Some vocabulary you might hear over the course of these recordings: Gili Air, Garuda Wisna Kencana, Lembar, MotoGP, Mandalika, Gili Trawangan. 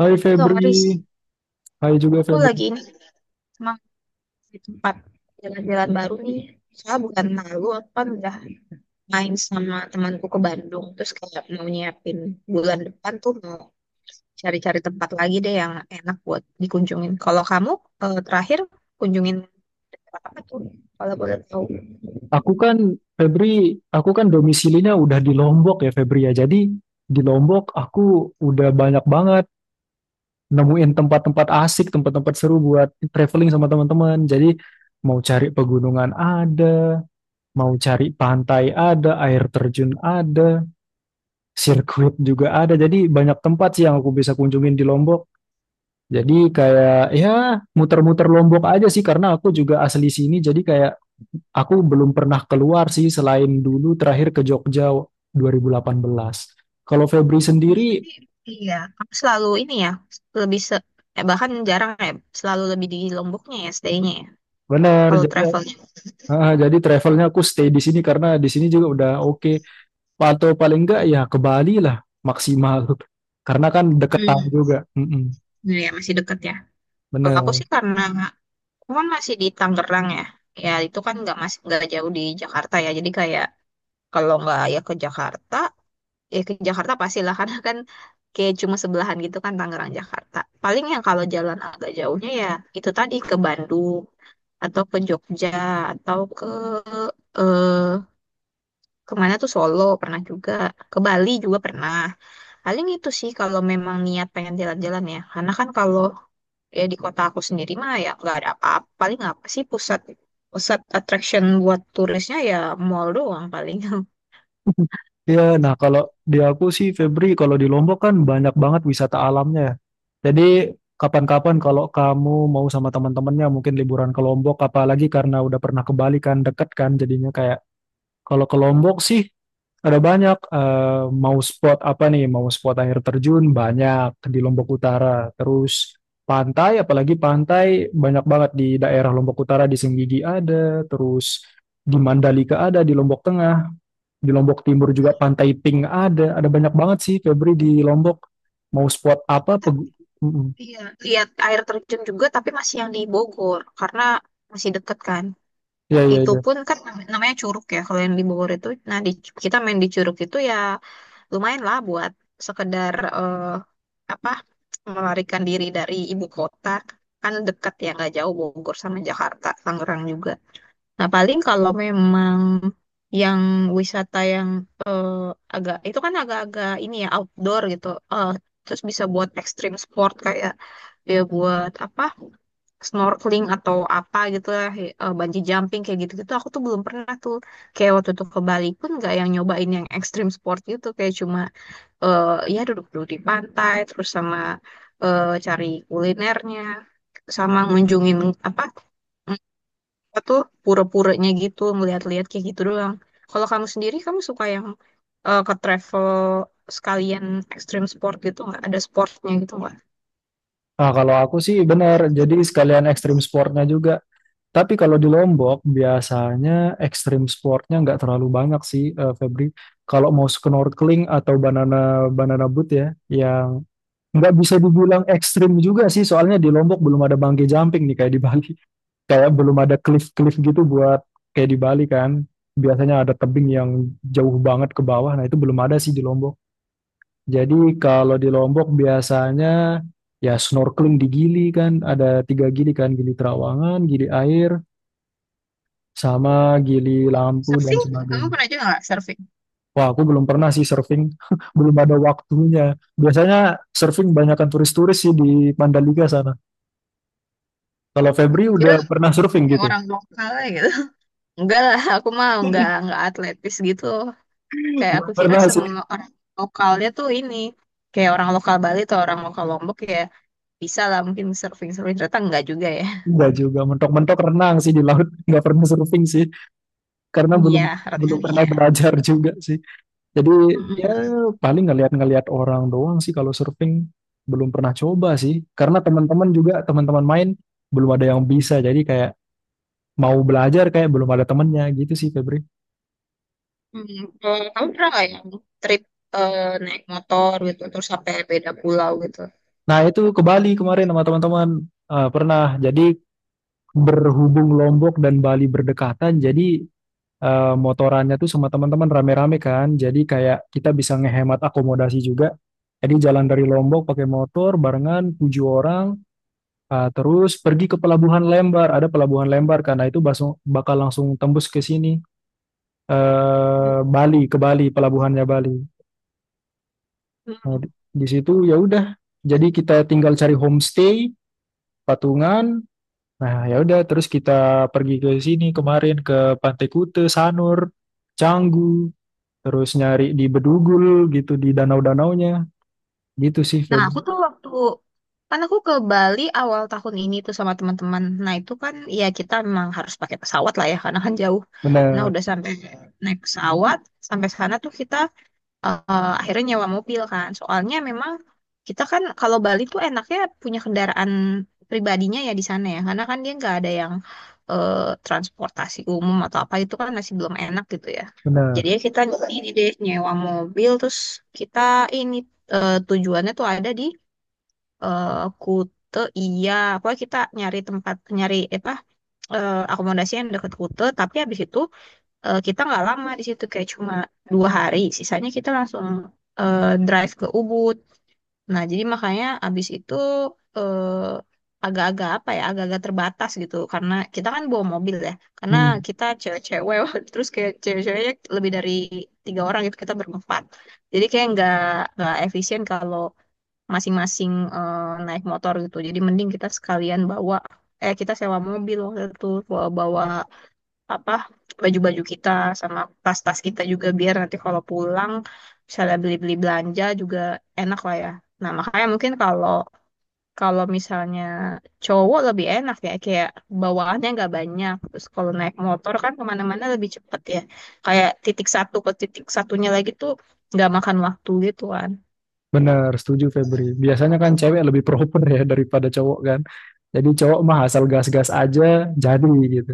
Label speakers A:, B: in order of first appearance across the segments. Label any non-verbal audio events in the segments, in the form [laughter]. A: Hai
B: Loh
A: Febri,
B: Haris,
A: hai juga
B: aku
A: Febri.
B: lagi ini emang di tempat jalan-jalan baru nih. Soalnya bukan lalu aku kan udah main sama temanku ke Bandung. Terus kayak mau nyiapin bulan depan tuh mau cari-cari tempat lagi deh yang enak buat dikunjungin. Kalau kamu terakhir kunjungin tempat apa tuh? Kalau boleh tahu.
A: Aku kan, Febri, aku kan domisilinya udah di Lombok, ya, Febri, ya. Jadi di Lombok aku udah banyak banget nemuin tempat-tempat asik, tempat-tempat seru buat traveling sama teman-teman. Jadi mau cari pegunungan ada, mau cari pantai ada, air terjun ada, sirkuit juga ada. Jadi banyak tempat sih yang aku bisa kunjungin di Lombok. Jadi kayak ya muter-muter Lombok aja sih karena aku juga asli sini. Jadi kayak aku belum pernah keluar sih, selain dulu terakhir ke Jogja 2018. Kalau Febri sendiri
B: Berarti, iya, kamu selalu ini ya, lebih bahkan jarang ya, selalu lebih di Lomboknya ya stay-nya ya,
A: benar.
B: kalau
A: jadi
B: travelnya.
A: ah, jadi travelnya aku stay di sini karena di sini juga udah oke. Atau paling enggak ya ke Bali lah maksimal. [laughs] Karena kan deketan
B: Hmm,
A: juga. Mm-mm.
B: iya masih deket ya. Kalau aku
A: Bener.
B: sih karena cuman masih di Tangerang ya. Ya itu kan nggak masih nggak jauh di Jakarta ya. Jadi kayak kalau nggak ya ke Jakarta, ya ke Jakarta pastilah [laughs] karena kan kayak cuma sebelahan gitu kan Tangerang Jakarta. Paling yang kalau jalan agak jauhnya ya itu tadi ke Bandung atau ke Jogja atau ke eh kemana tuh Solo pernah juga ke Bali juga pernah. Paling itu sih kalau memang niat pengen jalan-jalan ya. Karena kan kalau ya di kota aku sendiri mah ya nggak ada apa-apa paling apa sih pusat pusat attraction buat turisnya ya mall doang paling.
A: Iya, nah kalau di aku sih Febri, kalau di Lombok kan banyak banget wisata alamnya, ya. Jadi kapan-kapan kalau kamu mau sama teman-temannya mungkin liburan ke Lombok, apalagi karena udah pernah ke Bali kan deket kan jadinya kayak kalau ke Lombok sih ada banyak, mau spot apa nih? Mau spot air terjun banyak di Lombok Utara. Terus pantai, apalagi pantai banyak banget di daerah Lombok Utara, di Senggigi ada, terus di Mandalika ada, di Lombok Tengah, di Lombok Timur juga Pantai Pink ada. Ada banyak banget sih Febri di Lombok. Mau spot
B: [laughs] aku
A: apa?
B: tet-
A: Mm-mm.
B: lihat air terjun juga tapi masih yang di Bogor karena masih deket kan.
A: Ya, ya,
B: Itu
A: ya.
B: pun kan namanya curug ya kalau yang di Bogor itu, nah di, kita main di curug itu ya lumayan lah buat sekedar apa, melarikan diri dari ibu kota, kan dekat ya nggak jauh Bogor sama Jakarta Tangerang juga. Nah, paling kalau memang yang wisata yang eh, agak itu kan agak-agak ini ya outdoor gitu. Eh, Terus bisa buat extreme sport kayak ya buat apa snorkeling atau apa gitu lah, bungee jumping kayak gitu-gitu. Aku tuh belum pernah tuh. Kayak waktu itu ke Bali pun nggak yang nyobain yang extreme sport gitu. Kayak cuma eh, ya duduk-duduk di pantai terus sama cari kulinernya sama ngunjungin apa? Aku tuh pura-puranya gitu ngeliat-liat kayak gitu doang. Kalau kamu sendiri, kamu suka yang ke travel sekalian ekstrim sport gitu nggak? Ada sportnya gitu nggak?
A: Ah, kalau aku sih benar. Jadi sekalian ekstrim sportnya juga. Tapi kalau di Lombok biasanya ekstrim sportnya nggak terlalu banyak sih, Febri. Kalau mau snorkeling atau banana banana boat ya, yang nggak bisa dibilang ekstrim juga sih, soalnya di Lombok belum ada bungee jumping nih, kayak di Bali, [laughs] kayak belum ada cliff-cliff gitu buat kayak di Bali kan. Biasanya ada tebing yang jauh banget ke bawah, nah itu belum ada sih di Lombok. Jadi kalau di Lombok biasanya ya snorkeling di Gili kan, ada tiga Gili kan, Gili Trawangan, Gili Air, sama gili lampu dan
B: Surfing, kamu
A: sebagainya.
B: pernah juga nggak surfing?
A: Wah, aku belum pernah sih surfing, [laughs] belum ada waktunya. Biasanya surfing banyakkan turis-turis sih di Mandalika sana. Kalau Febri
B: Kira
A: udah pernah surfing
B: kayak
A: gitu?
B: orang lokal aja gitu. [laughs] Enggak lah, aku mah nggak atletis gitu.
A: [laughs]
B: Kayak
A: Belum
B: aku kira
A: pernah sih,
B: semua orang lokalnya tuh ini kayak orang lokal Bali atau orang lokal Lombok ya bisa lah mungkin surfing surfing ternyata enggak juga ya.
A: enggak juga. Mentok-mentok renang sih di laut, [laughs] nggak pernah surfing sih, karena
B: Iya,
A: belum belum
B: renang
A: pernah
B: iya.
A: belajar [laughs] juga sih. Jadi ya
B: Mm-mm.
A: paling ngeliat-ngeliat orang doang sih kalau surfing. Belum pernah coba sih, karena teman-teman juga teman-teman main belum ada yang bisa. Jadi mau belajar kayak belum ada temennya gitu sih Febri.
B: Kalau kamu pernah nggak yang trip eh, naik motor gitu terus sampai beda pulau gitu?
A: Nah itu ke Bali kemarin sama teman-teman. Eh, pernah. Jadi berhubung Lombok dan Bali berdekatan, jadi motorannya tuh sama teman-teman rame-rame kan. Jadi kayak kita bisa ngehemat akomodasi juga. Jadi jalan dari Lombok pakai motor barengan tujuh orang, terus pergi ke pelabuhan Lembar. Ada pelabuhan Lembar karena itu bakal langsung tembus ke sini, Bali, ke Bali, pelabuhannya Bali. Nah,
B: Hmm.
A: di situ ya udah. Jadi kita tinggal cari homestay, patungan. Nah, ya udah terus kita pergi ke sini kemarin ke Pantai Kute, Sanur, Canggu, terus nyari di Bedugul, gitu di danau-danaunya. Gitu sih
B: Nah, aku
A: Febri.
B: tuh waktu kan aku ke Bali awal tahun ini tuh sama teman-teman. Nah, itu kan ya kita memang harus pakai pesawat lah ya karena kan jauh. Nah,
A: Benar,
B: udah sampai naik pesawat, sampai sana tuh kita akhirnya nyewa mobil kan. Soalnya memang kita kan kalau Bali tuh enaknya punya kendaraan pribadinya ya di sana ya, karena kan dia nggak ada yang eh, transportasi umum atau apa itu kan masih belum enak gitu ya.
A: benar.
B: Jadi ya kita ini deh nyewa mobil terus kita ini tujuannya tuh ada di eh, Kute iya, pokoknya kita nyari tempat nyari apa akomodasi yang dekat Kute, tapi habis itu kita nggak lama di situ kayak cuma dua hari, sisanya kita langsung drive ke Ubud. Nah jadi makanya abis itu agak-agak apa ya agak-agak terbatas gitu karena kita kan bawa mobil ya, karena
A: Hmm,
B: kita cewek-cewek, [laughs] terus kayak cewek-ceweknya lebih dari tiga orang gitu kita berempat, jadi kayak nggak efisien kalau masing-masing naik motor gitu, jadi mending kita sekalian bawa, kita sewa mobil waktu itu bawa bawa apa baju-baju kita sama tas-tas kita juga, biar nanti kalau pulang misalnya beli-beli belanja juga enak lah ya. Nah, makanya mungkin kalau kalau misalnya cowok lebih enak ya kayak bawaannya nggak banyak. Terus kalau naik motor kan kemana-mana lebih cepet ya. Kayak titik satu ke titik satunya lagi tuh nggak makan waktu gitu kan.
A: benar, setuju Febri. Biasanya kan cewek lebih proper ya daripada cowok kan. Jadi cowok mah asal gas-gas aja jadi gitu.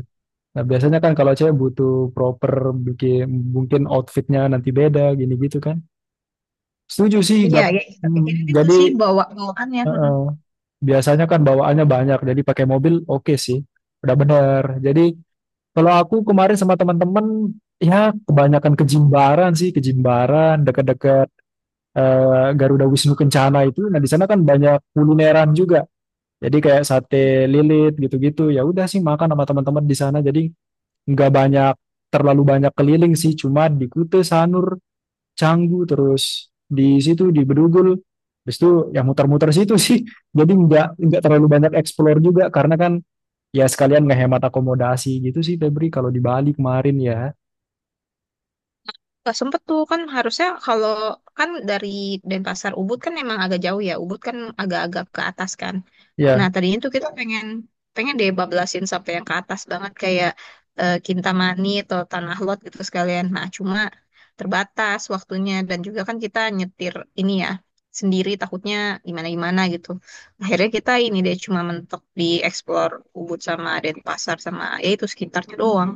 A: Nah, biasanya kan kalau cewek butuh proper bikin mungkin outfitnya nanti beda gini gitu kan. Setuju sih,
B: Iya,
A: gak.
B: ya kita pikirin
A: Hmm.
B: itu
A: Jadi
B: sih bawa bawaannya.
A: eh, biasanya kan bawaannya banyak, jadi pakai mobil oke sih, udah bener. Jadi kalau aku kemarin sama teman-teman, ya kebanyakan ke Jimbaran sih, ke Jimbaran, dekat-dekat Garuda Wisnu Kencana itu. Nah di sana kan banyak kulineran juga, jadi kayak sate lilit gitu-gitu. Ya udah sih makan sama teman-teman di sana, jadi nggak banyak terlalu banyak keliling sih, cuma di Kute, Sanur, Canggu, terus di situ di Bedugul, habis itu yang muter-muter situ sih. [laughs] Jadi nggak terlalu banyak explore juga karena kan ya sekalian ngehemat akomodasi gitu sih Febri, kalau di Bali kemarin ya.
B: Gak sempet tuh kan, harusnya kalau kan dari Denpasar Ubud kan emang agak jauh ya, Ubud kan agak-agak ke atas kan, nah
A: Ya,
B: tadinya tuh kita pengen pengen deh bablasin sampai yang ke atas banget kayak Kintamani atau Tanah Lot gitu sekalian, nah cuma terbatas waktunya, dan juga kan kita nyetir ini ya sendiri takutnya gimana-gimana gitu, akhirnya kita ini deh cuma mentok di explore Ubud sama Denpasar sama ya itu sekitarnya doang.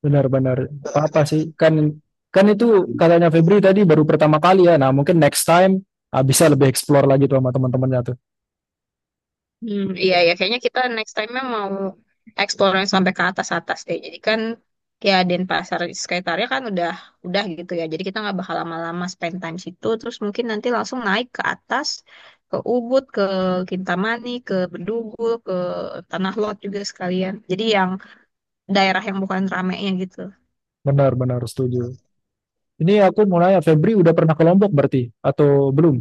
A: benar-benar. Apa sih, kan kan itu katanya Febri tadi baru pertama kali ya, nah mungkin next time, ah, bisa lebih explore lagi tuh sama teman-temannya tuh.
B: Hmm, iya ya, kayaknya kita next time-nya mau explore yang sampai ke atas-atas deh. Jadi kan ya Denpasar sekitarnya kan udah gitu ya. Jadi kita nggak bakal lama-lama spend time situ. Terus mungkin nanti langsung naik ke atas, ke Ubud, ke Kintamani, ke Bedugu, ke Tanah Lot juga sekalian. Jadi yang daerah yang bukan ramenya gitu.
A: Benar-benar setuju. Ini aku mau nanya Febri udah pernah ke Lombok berarti atau belum.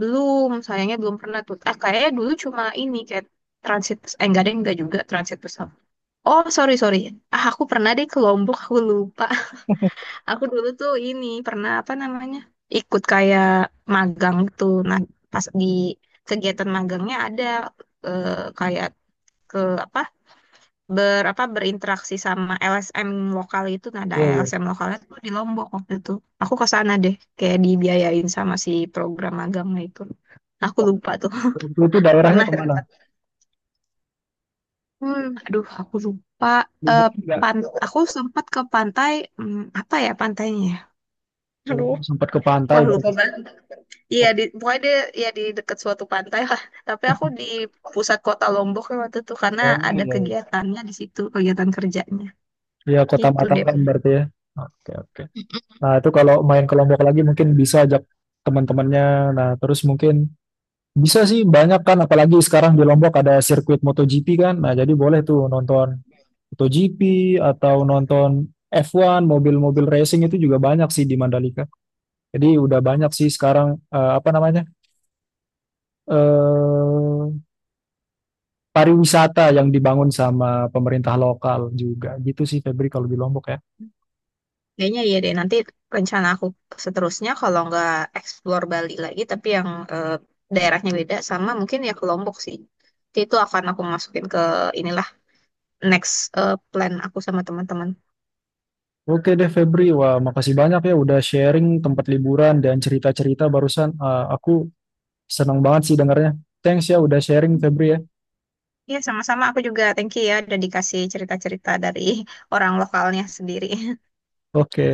B: Belum, sayangnya belum pernah tuh. Ah, kayaknya dulu cuma ini kayak transit, eh enggak deh, enggak juga transit pesawat. Oh, sorry, sorry. Ah, aku pernah deh ke Lombok, aku lupa. Aku dulu tuh ini pernah apa namanya ikut kayak magang gitu. Nah pas di kegiatan magangnya ada eh, kayak ke apa berinteraksi sama LSM lokal itu. Nah ada
A: Iya, iya.
B: LSM lokalnya tuh di Lombok waktu itu. Aku ke sana deh kayak dibiayain sama si program magangnya itu. Nah, aku lupa tuh.
A: Waktu itu
B: [laughs]
A: daerahnya
B: Pernah.
A: kemana?
B: Aduh aku lupa. Eh,
A: Lombok enggak?
B: pan aku sempat ke pantai, apa ya pantainya? Ya?
A: Oh,
B: Aduh,
A: sempat ke pantai
B: wah lupa
A: berarti.
B: banget. Iya
A: Oh,
B: di pokoknya dia ya di dekat suatu pantai lah. Tapi aku di pusat kota Lombok waktu itu karena
A: iya.
B: ada
A: Iya.
B: kegiatannya di situ, kegiatan kerjanya.
A: Iya, Kota
B: Gitu deh.
A: Mataram berarti ya. Oke, oke. Nah, itu kalau main ke Lombok lagi mungkin bisa ajak teman-temannya. Nah, terus mungkin bisa sih banyak kan, apalagi sekarang di Lombok ada sirkuit MotoGP kan. Nah, jadi boleh tuh nonton MotoGP atau nonton F1, mobil-mobil racing itu juga banyak sih di Mandalika. Jadi udah banyak sih sekarang apa namanya? eh pariwisata yang dibangun sama pemerintah lokal juga. Gitu sih Febri kalau di Lombok ya.
B: Kayaknya iya deh nanti rencana aku seterusnya kalau nggak explore Bali lagi tapi yang eh, daerahnya beda sama mungkin ya ke Lombok sih. Nanti itu akan aku masukin ke inilah next plan aku sama teman-teman.
A: Oke deh Febri, wah makasih banyak ya udah sharing tempat liburan dan cerita-cerita barusan. Eh, aku senang banget sih dengarnya. Thanks ya udah sharing Febri ya.
B: Iya sama-sama, aku juga thank you ya udah dikasih cerita-cerita dari orang lokalnya sendiri.
A: Oke.